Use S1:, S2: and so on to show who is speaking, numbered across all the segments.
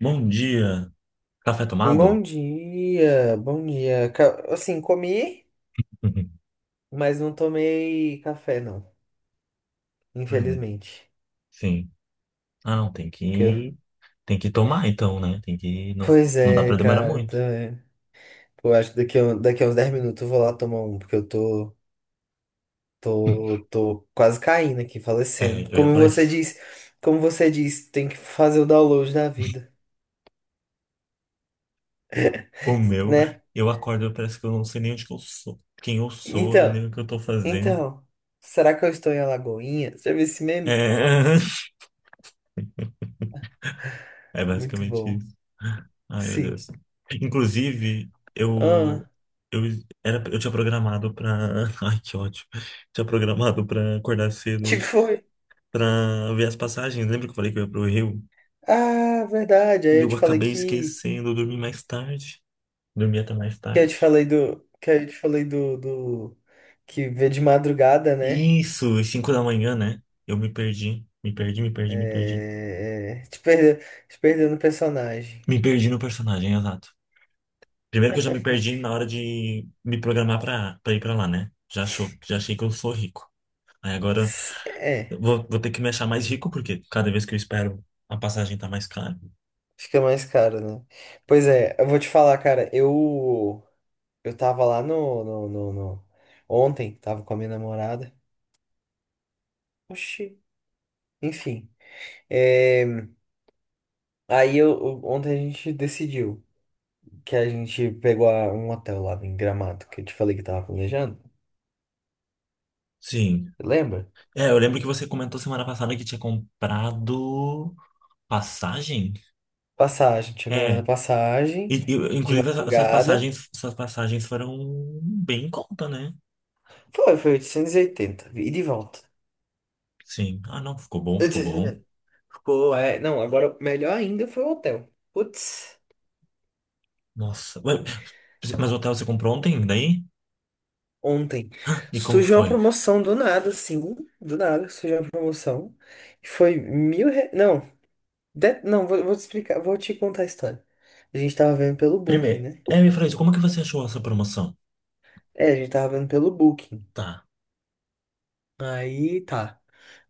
S1: Bom dia. Café
S2: Bom
S1: tomado?
S2: dia, bom dia. Assim, comi, mas não tomei café, não.
S1: Ai,
S2: Infelizmente.
S1: Sim. Ah, não, tem
S2: Que eu-
S1: que tem que tomar então, né? Tem que não
S2: Pois
S1: não dá
S2: é,
S1: pra demorar
S2: cara.
S1: muito.
S2: Tô... Pô, acho que daqui a, daqui a uns 10 minutos eu vou lá tomar um, porque eu tô, tô, tô quase caindo aqui,
S1: É,
S2: falecendo.
S1: eu ia falar isso.
S2: Como você disse, tem que fazer o download da vida,
S1: O meu,
S2: né?
S1: eu acordo, eu parece que eu não sei nem onde que eu sou, quem eu sou,
S2: Então,
S1: nem o que eu tô fazendo.
S2: então, será que eu estou em Alagoinha? Já viu esse meme?
S1: É, é
S2: Muito
S1: basicamente
S2: bom.
S1: isso. Ai, meu
S2: Sim.
S1: Deus. Inclusive,
S2: Ah,
S1: eu eu tinha programado pra. Ai, que ótimo. Tinha programado pra acordar cedo hoje,
S2: tipo.
S1: pra ver as passagens. Lembra que eu falei que eu ia pro Rio?
S2: Ah, verdade.
S1: E
S2: Aí eu
S1: eu
S2: te falei
S1: acabei
S2: que.
S1: esquecendo, eu dormi mais tarde. Dormi até mais
S2: Que eu te
S1: tarde.
S2: falei do. Que eu te falei do. Que vê de madrugada, né?
S1: Isso, às 5 da manhã, né? Eu me perdi, me perdi, me perdi, me perdi.
S2: É. Te perdeu no personagem.
S1: Me perdi no personagem, exato. Primeiro que eu já me perdi na hora de me programar pra ir pra lá, né? Já achei que eu sou rico. Aí agora
S2: É,
S1: eu vou ter que me achar mais rico, porque cada vez que eu espero, a passagem tá mais cara.
S2: fica mais caro, né? Pois é, eu vou te falar, cara, eu tava lá no ontem, tava com a minha namorada. Oxi. Enfim, é, aí eu ontem a gente decidiu. Que a gente pegou um hotel lá em Gramado, que eu te falei que tava planejando.
S1: Sim.
S2: Lembra?
S1: É, eu lembro que você comentou semana passada que tinha comprado passagem.
S2: Passagem, tinha comprado a
S1: É, E,
S2: passagem
S1: e,
S2: de
S1: inclusive, essa- essas
S2: madrugada.
S1: passagens, essas passagens foram bem em conta, né?
S2: Foi, foi 880, e oitenta, e de volta.
S1: Sim. Ah, não, ficou bom, ficou bom.
S2: 880. Ficou, é, não, agora melhor ainda foi o hotel. Putz,
S1: Nossa. Mas o hotel você comprou ontem, daí?
S2: ontem
S1: E como que
S2: surgiu uma
S1: foi?
S2: promoção do nada, assim, do nada surgiu uma promoção. E foi mil Não, não, vou, vou te explicar, vou te contar a história. A gente tava vendo pelo Booking,
S1: Primeiro,
S2: né?
S1: me fala isso, como que você achou essa promoção?
S2: É, a gente tava vendo pelo Booking.
S1: Tá.
S2: Aí tá.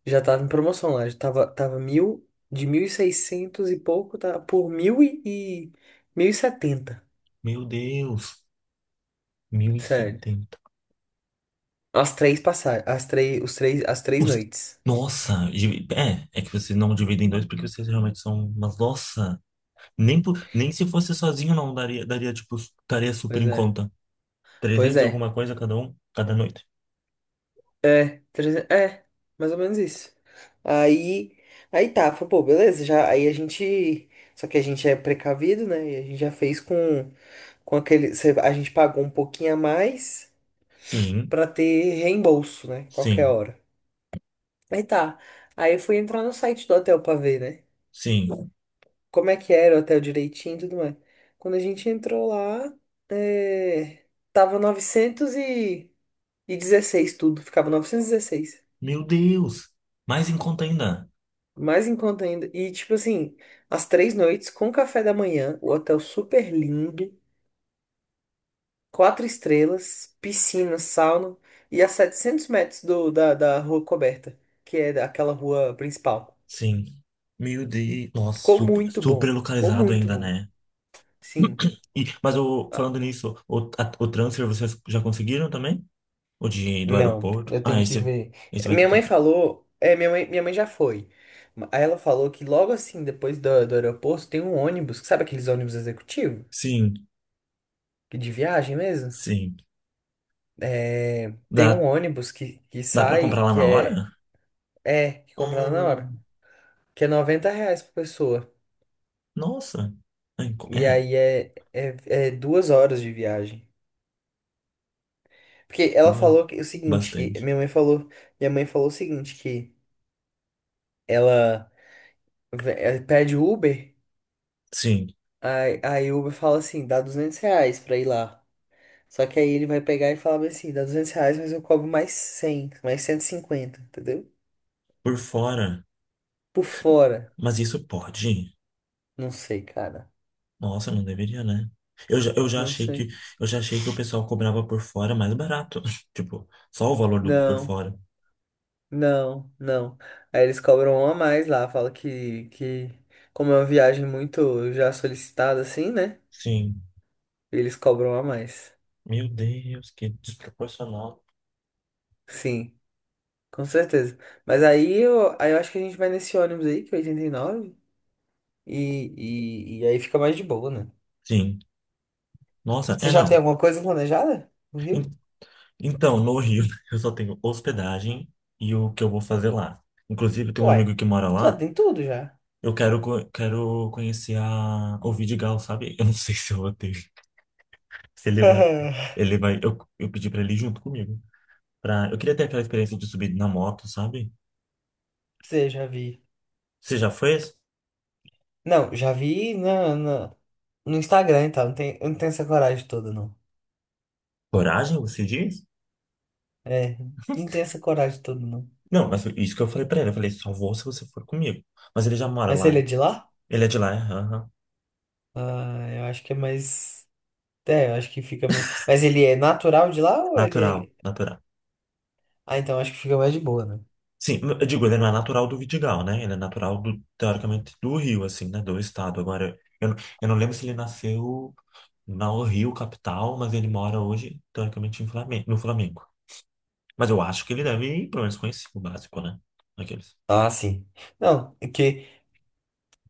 S2: Já tava em promoção lá. Já tava, tava mil, de 1.600 e pouco, tá por mil e 1.070.
S1: Meu Deus,
S2: Sério.
S1: 1.070.
S2: As três passagens. As três, as três
S1: Os-
S2: noites.
S1: Nossa, é que você não divide em dois porque vocês realmente são, mas nossa, nem se fosse sozinho não daria tipo, estaria super
S2: Pois
S1: em
S2: é.
S1: conta.
S2: Pois
S1: Trezentos e
S2: é.
S1: alguma coisa cada um, cada noite.
S2: É, 300 é, mais ou menos isso. Aí, aí tá, falei, pô, beleza, já, aí a gente, só que a gente é precavido, né? E a gente já fez com aquele, a gente pagou um pouquinho a mais
S1: Sim,
S2: pra ter reembolso, né? Qualquer
S1: sim.
S2: hora. Aí tá. Aí eu fui entrar no site do hotel pra ver, né?
S1: Sim.
S2: Como é que era o hotel direitinho e tudo mais. Quando a gente entrou lá, é... tava 916 tudo, ficava 916.
S1: Meu Deus! Mais em conta ainda.
S2: Mais em conta ainda. E tipo assim, as três noites com café da manhã, o hotel super lindo, quatro estrelas, piscina, sauna e a 700 metros da rua coberta, que é aquela rua principal.
S1: Sim. Meu Deus. Nossa,
S2: Ficou
S1: super,
S2: muito
S1: super
S2: bom, ficou
S1: localizado
S2: muito
S1: ainda,
S2: bom.
S1: né?
S2: Sim.
S1: Falando nisso, o transfer vocês já conseguiram também? O do
S2: Não,
S1: aeroporto?
S2: eu
S1: Ah,
S2: tenho que
S1: esse,
S2: ver.
S1: esse vai ter
S2: Minha
S1: que
S2: mãe
S1: ver.
S2: falou. É, minha mãe já foi. Aí ela falou que logo assim, depois do aeroporto, tem um ônibus. Sabe aqueles ônibus executivos?
S1: Sim,
S2: De viagem mesmo?
S1: sim.
S2: É, tem um
S1: Dá,
S2: ônibus que
S1: dá pra
S2: sai,
S1: comprar lá
S2: que
S1: na
S2: é.
S1: hora?
S2: É, que compra lá na hora.
S1: Hum,
S2: Que é R$ 90 por pessoa.
S1: nossa. Ah,
S2: E
S1: É,
S2: aí é 2 horas de viagem. Porque ela
S1: duas.
S2: falou que, o seguinte, que
S1: Bastante.
S2: minha mãe falou. Minha mãe falou o seguinte, que ela, ela pede Uber.
S1: Sim,
S2: Aí o Uber fala assim, dá R$ 200 pra ir lá. Só que aí ele vai pegar e falar bem assim, dá R$ 200, mas eu cobro mais 100 mais 150 entendeu?
S1: por fora.
S2: Por fora.
S1: Mas isso pode?
S2: Não sei, cara.
S1: Nossa, não deveria, né? Eu já, eu já
S2: Não
S1: achei que
S2: sei.
S1: eu já achei que o pessoal cobrava por fora mais barato. Tipo, só o valor do por
S2: Não,
S1: fora.
S2: não. Aí eles cobram um a mais lá, fala que como é uma viagem muito já solicitada assim, né?
S1: Sim.
S2: Eles cobram um a mais.
S1: Meu Deus, que desproporcional.
S2: Sim, com certeza. Mas aí eu acho que a gente vai nesse ônibus aí, que é 89, e, nove, e aí fica mais de boa, né?
S1: Sim. Nossa,
S2: Você
S1: é
S2: já
S1: não.
S2: tem alguma coisa planejada no
S1: En-
S2: Rio?
S1: Então, no Rio, eu só tenho hospedagem e o que eu vou fazer lá. Inclusive, tem um amigo
S2: Uai,
S1: que mora
S2: já
S1: lá.
S2: tem tudo já.
S1: Eu quero conhecer o Vidigal, sabe? Eu não sei se eu vou ter. Se ele vai. Ele vai. Eu pedi pra ele ir junto comigo. Eu queria ter aquela experiência de subir na moto, sabe?
S2: Você já vi.
S1: Você já fez
S2: Não, já vi na no Instagram e tal. Não tem, eu não tenho essa coragem toda, não.
S1: coragem, você diz?
S2: É, não tenho essa coragem toda, não.
S1: Não, mas isso que eu falei pra ele, eu falei, só vou se você for comigo. Mas ele já mora
S2: Mas ele
S1: lá.
S2: é de lá?
S1: Ele é de lá, é, aham.
S2: Ah, eu acho que é mais. É, eu acho que fica. Mas ele é natural de lá ou ele
S1: Natural,
S2: é.
S1: natural.
S2: Ah, então acho que fica mais de boa, né?
S1: Sim, eu digo, ele não é natural do Vidigal, né? Ele é natural do, teoricamente, do Rio, assim, né? Do estado. Agora, eu não lembro se ele nasceu no Rio, capital, mas ele mora hoje, teoricamente, no Flamengo. Mas eu acho que ele deve, pelo menos, conhecer o básico, né? Aqueles.
S2: Ah, sim. Não, é que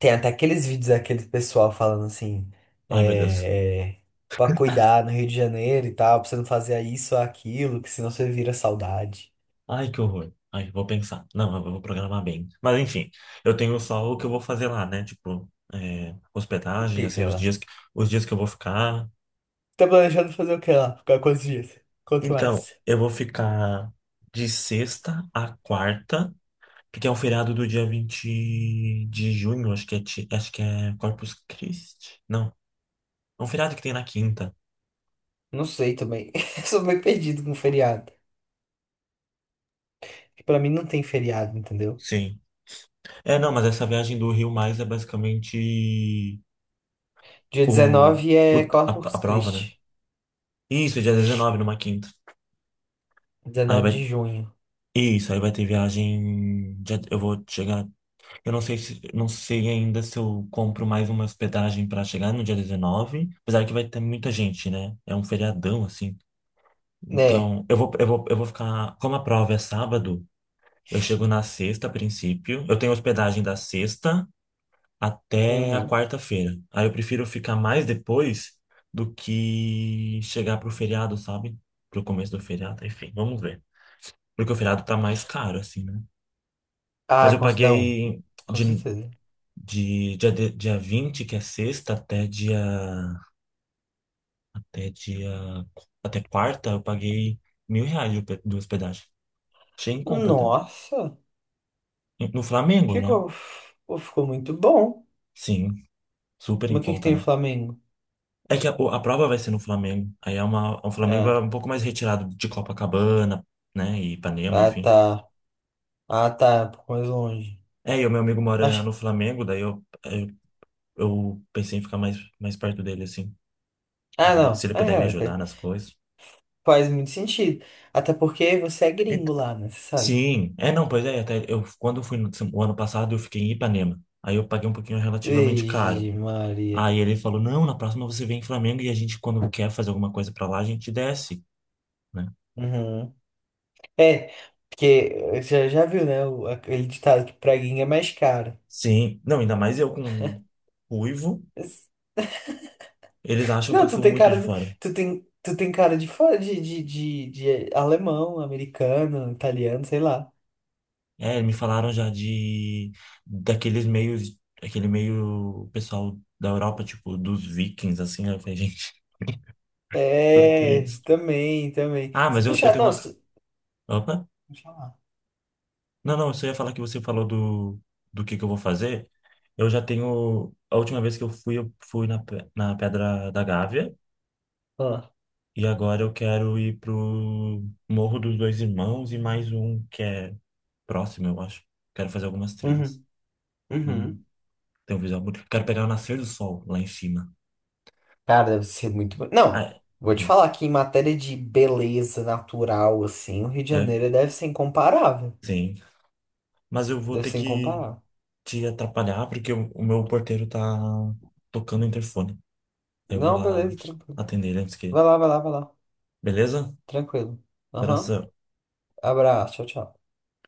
S2: tem até aqueles vídeos daquele pessoal falando assim,
S1: Ai, meu Deus.
S2: é, é, pra cuidar no Rio de Janeiro e tal, pra você não fazer isso ou aquilo, que senão você vira saudade.
S1: Ai, que horror. Ai, vou pensar. Não, eu vou programar bem. Mas enfim, eu tenho só o que eu vou fazer lá, né? Tipo,
S2: O
S1: hospedagem,
S2: que
S1: já
S2: que você
S1: sei
S2: vai
S1: os
S2: lá?
S1: dias, os dias que eu vou ficar.
S2: Tá planejando fazer o que lá? Ficar quantos dias? Quanto
S1: Então,
S2: mais?
S1: eu vou ficar de sexta a quarta, porque é um feriado do dia 20 de junho, acho que é Corpus Christi. Não, é um feriado que tem na quinta.
S2: Não sei também. Eu sou meio perdido com feriado. Porque pra mim não tem feriado, entendeu?
S1: Sim. É, não, mas essa viagem do Rio Mais é basicamente
S2: Dia
S1: o,
S2: 19
S1: o,
S2: é
S1: a
S2: Corpus
S1: prova, né?
S2: Christi.
S1: Isso, dia 19, numa quinta. Aí
S2: 19
S1: vai,
S2: de junho.
S1: Isso. Aí vai ter viagem. Eu vou chegar. Eu não sei se não sei ainda se eu compro mais uma hospedagem para chegar no dia 19, apesar que vai ter muita gente, né? É um feriadão assim.
S2: Né?
S1: Então, eu vou ficar. Como a prova é sábado, eu chego na sexta a princípio. Eu tenho hospedagem da sexta até a
S2: Uhum.
S1: quarta-feira. Aí eu prefiro ficar mais depois do que chegar pro feriado, sabe? Pro começo do feriado, enfim, vamos ver. Porque o feriado tá mais caro, assim, né? Mas
S2: Ah,
S1: eu
S2: com, não,
S1: paguei
S2: Com
S1: de,
S2: certeza.
S1: de dia 20 que é sexta, até dia, até quarta, eu paguei R$ 1.000 de hospedagem. Achei em conta até.
S2: Nossa,
S1: No Flamengo, né?
S2: ficou, ficou muito bom.
S1: Sim, super em
S2: Mas o que que
S1: conta,
S2: tem o
S1: né?
S2: Flamengo?
S1: É que a prova vai ser no Flamengo. Aí o Flamengo é
S2: Ah,
S1: um pouco mais retirado de Copacabana, né? E Ipanema,
S2: ah
S1: enfim.
S2: tá. Ah tá, um pouco mais longe.
S1: É, e o meu amigo mora
S2: Acho...
S1: no Flamengo, daí eu pensei em ficar mais perto dele, assim.
S2: Ah
S1: Daí se
S2: não,
S1: ele puder me ajudar nas coisas.
S2: faz muito sentido. Até porque você é gringo lá, né? Você sabe?
S1: Sim, é não, pois é, até eu quando eu fui no, o ano passado eu fiquei em Ipanema. Aí eu paguei um pouquinho relativamente caro.
S2: Vixe, Maria.
S1: Aí ele falou: "Não, na próxima você vem em Flamengo e a gente quando quer fazer alguma coisa pra lá, a gente desce", né?
S2: Uhum. É, porque já, já viu, né? Aquele ditado que praguinha é mais caro.
S1: Sim. Não, ainda mais eu com ruivo,
S2: Mas-
S1: eles acham que
S2: Não,
S1: eu
S2: tu
S1: sou
S2: tem
S1: muito
S2: cara.
S1: de fora.
S2: Tu tem cara de, de alemão, americano, italiano, sei lá.
S1: É, me falaram já de daqueles meios, aquele meio pessoal da Europa, tipo dos vikings assim, né? Eu falei, gente, por que
S2: É,
S1: isso?
S2: também, também.
S1: Ah,
S2: Se
S1: mas eu
S2: achar,
S1: tenho uma
S2: nossa.
S1: Opa.
S2: Deixa eu
S1: Não, não, eu só ia falar que você falou do que eu vou fazer. Eu já tenho. A última vez que eu fui na Pedra da Gávea.
S2: falar.
S1: E agora eu quero ir pro Morro dos Dois Irmãos e mais um que é próximo, eu acho. Quero fazer algumas trilhas.
S2: Uhum,
S1: Hum,
S2: uhum.
S1: tem um visual bonito. Quero pegar o nascer do sol lá em cima.
S2: Cara, deve ser muito.
S1: Ah,
S2: Não,
S1: é,
S2: vou te falar
S1: isso.
S2: que em matéria de beleza natural, assim, o Rio de
S1: É,
S2: Janeiro deve ser incomparável.
S1: sim. Mas eu vou
S2: Deve
S1: ter
S2: ser
S1: que
S2: incomparável.
S1: te atrapalhar porque o meu porteiro tá tocando o interfone. Eu vou
S2: Não,
S1: lá
S2: beleza, tranquilo.
S1: atender ele antes que.
S2: Vai lá, vai lá, vai lá.
S1: Beleza?
S2: Tranquilo. Aham.
S1: Abração.
S2: Abraço, tchau, tchau.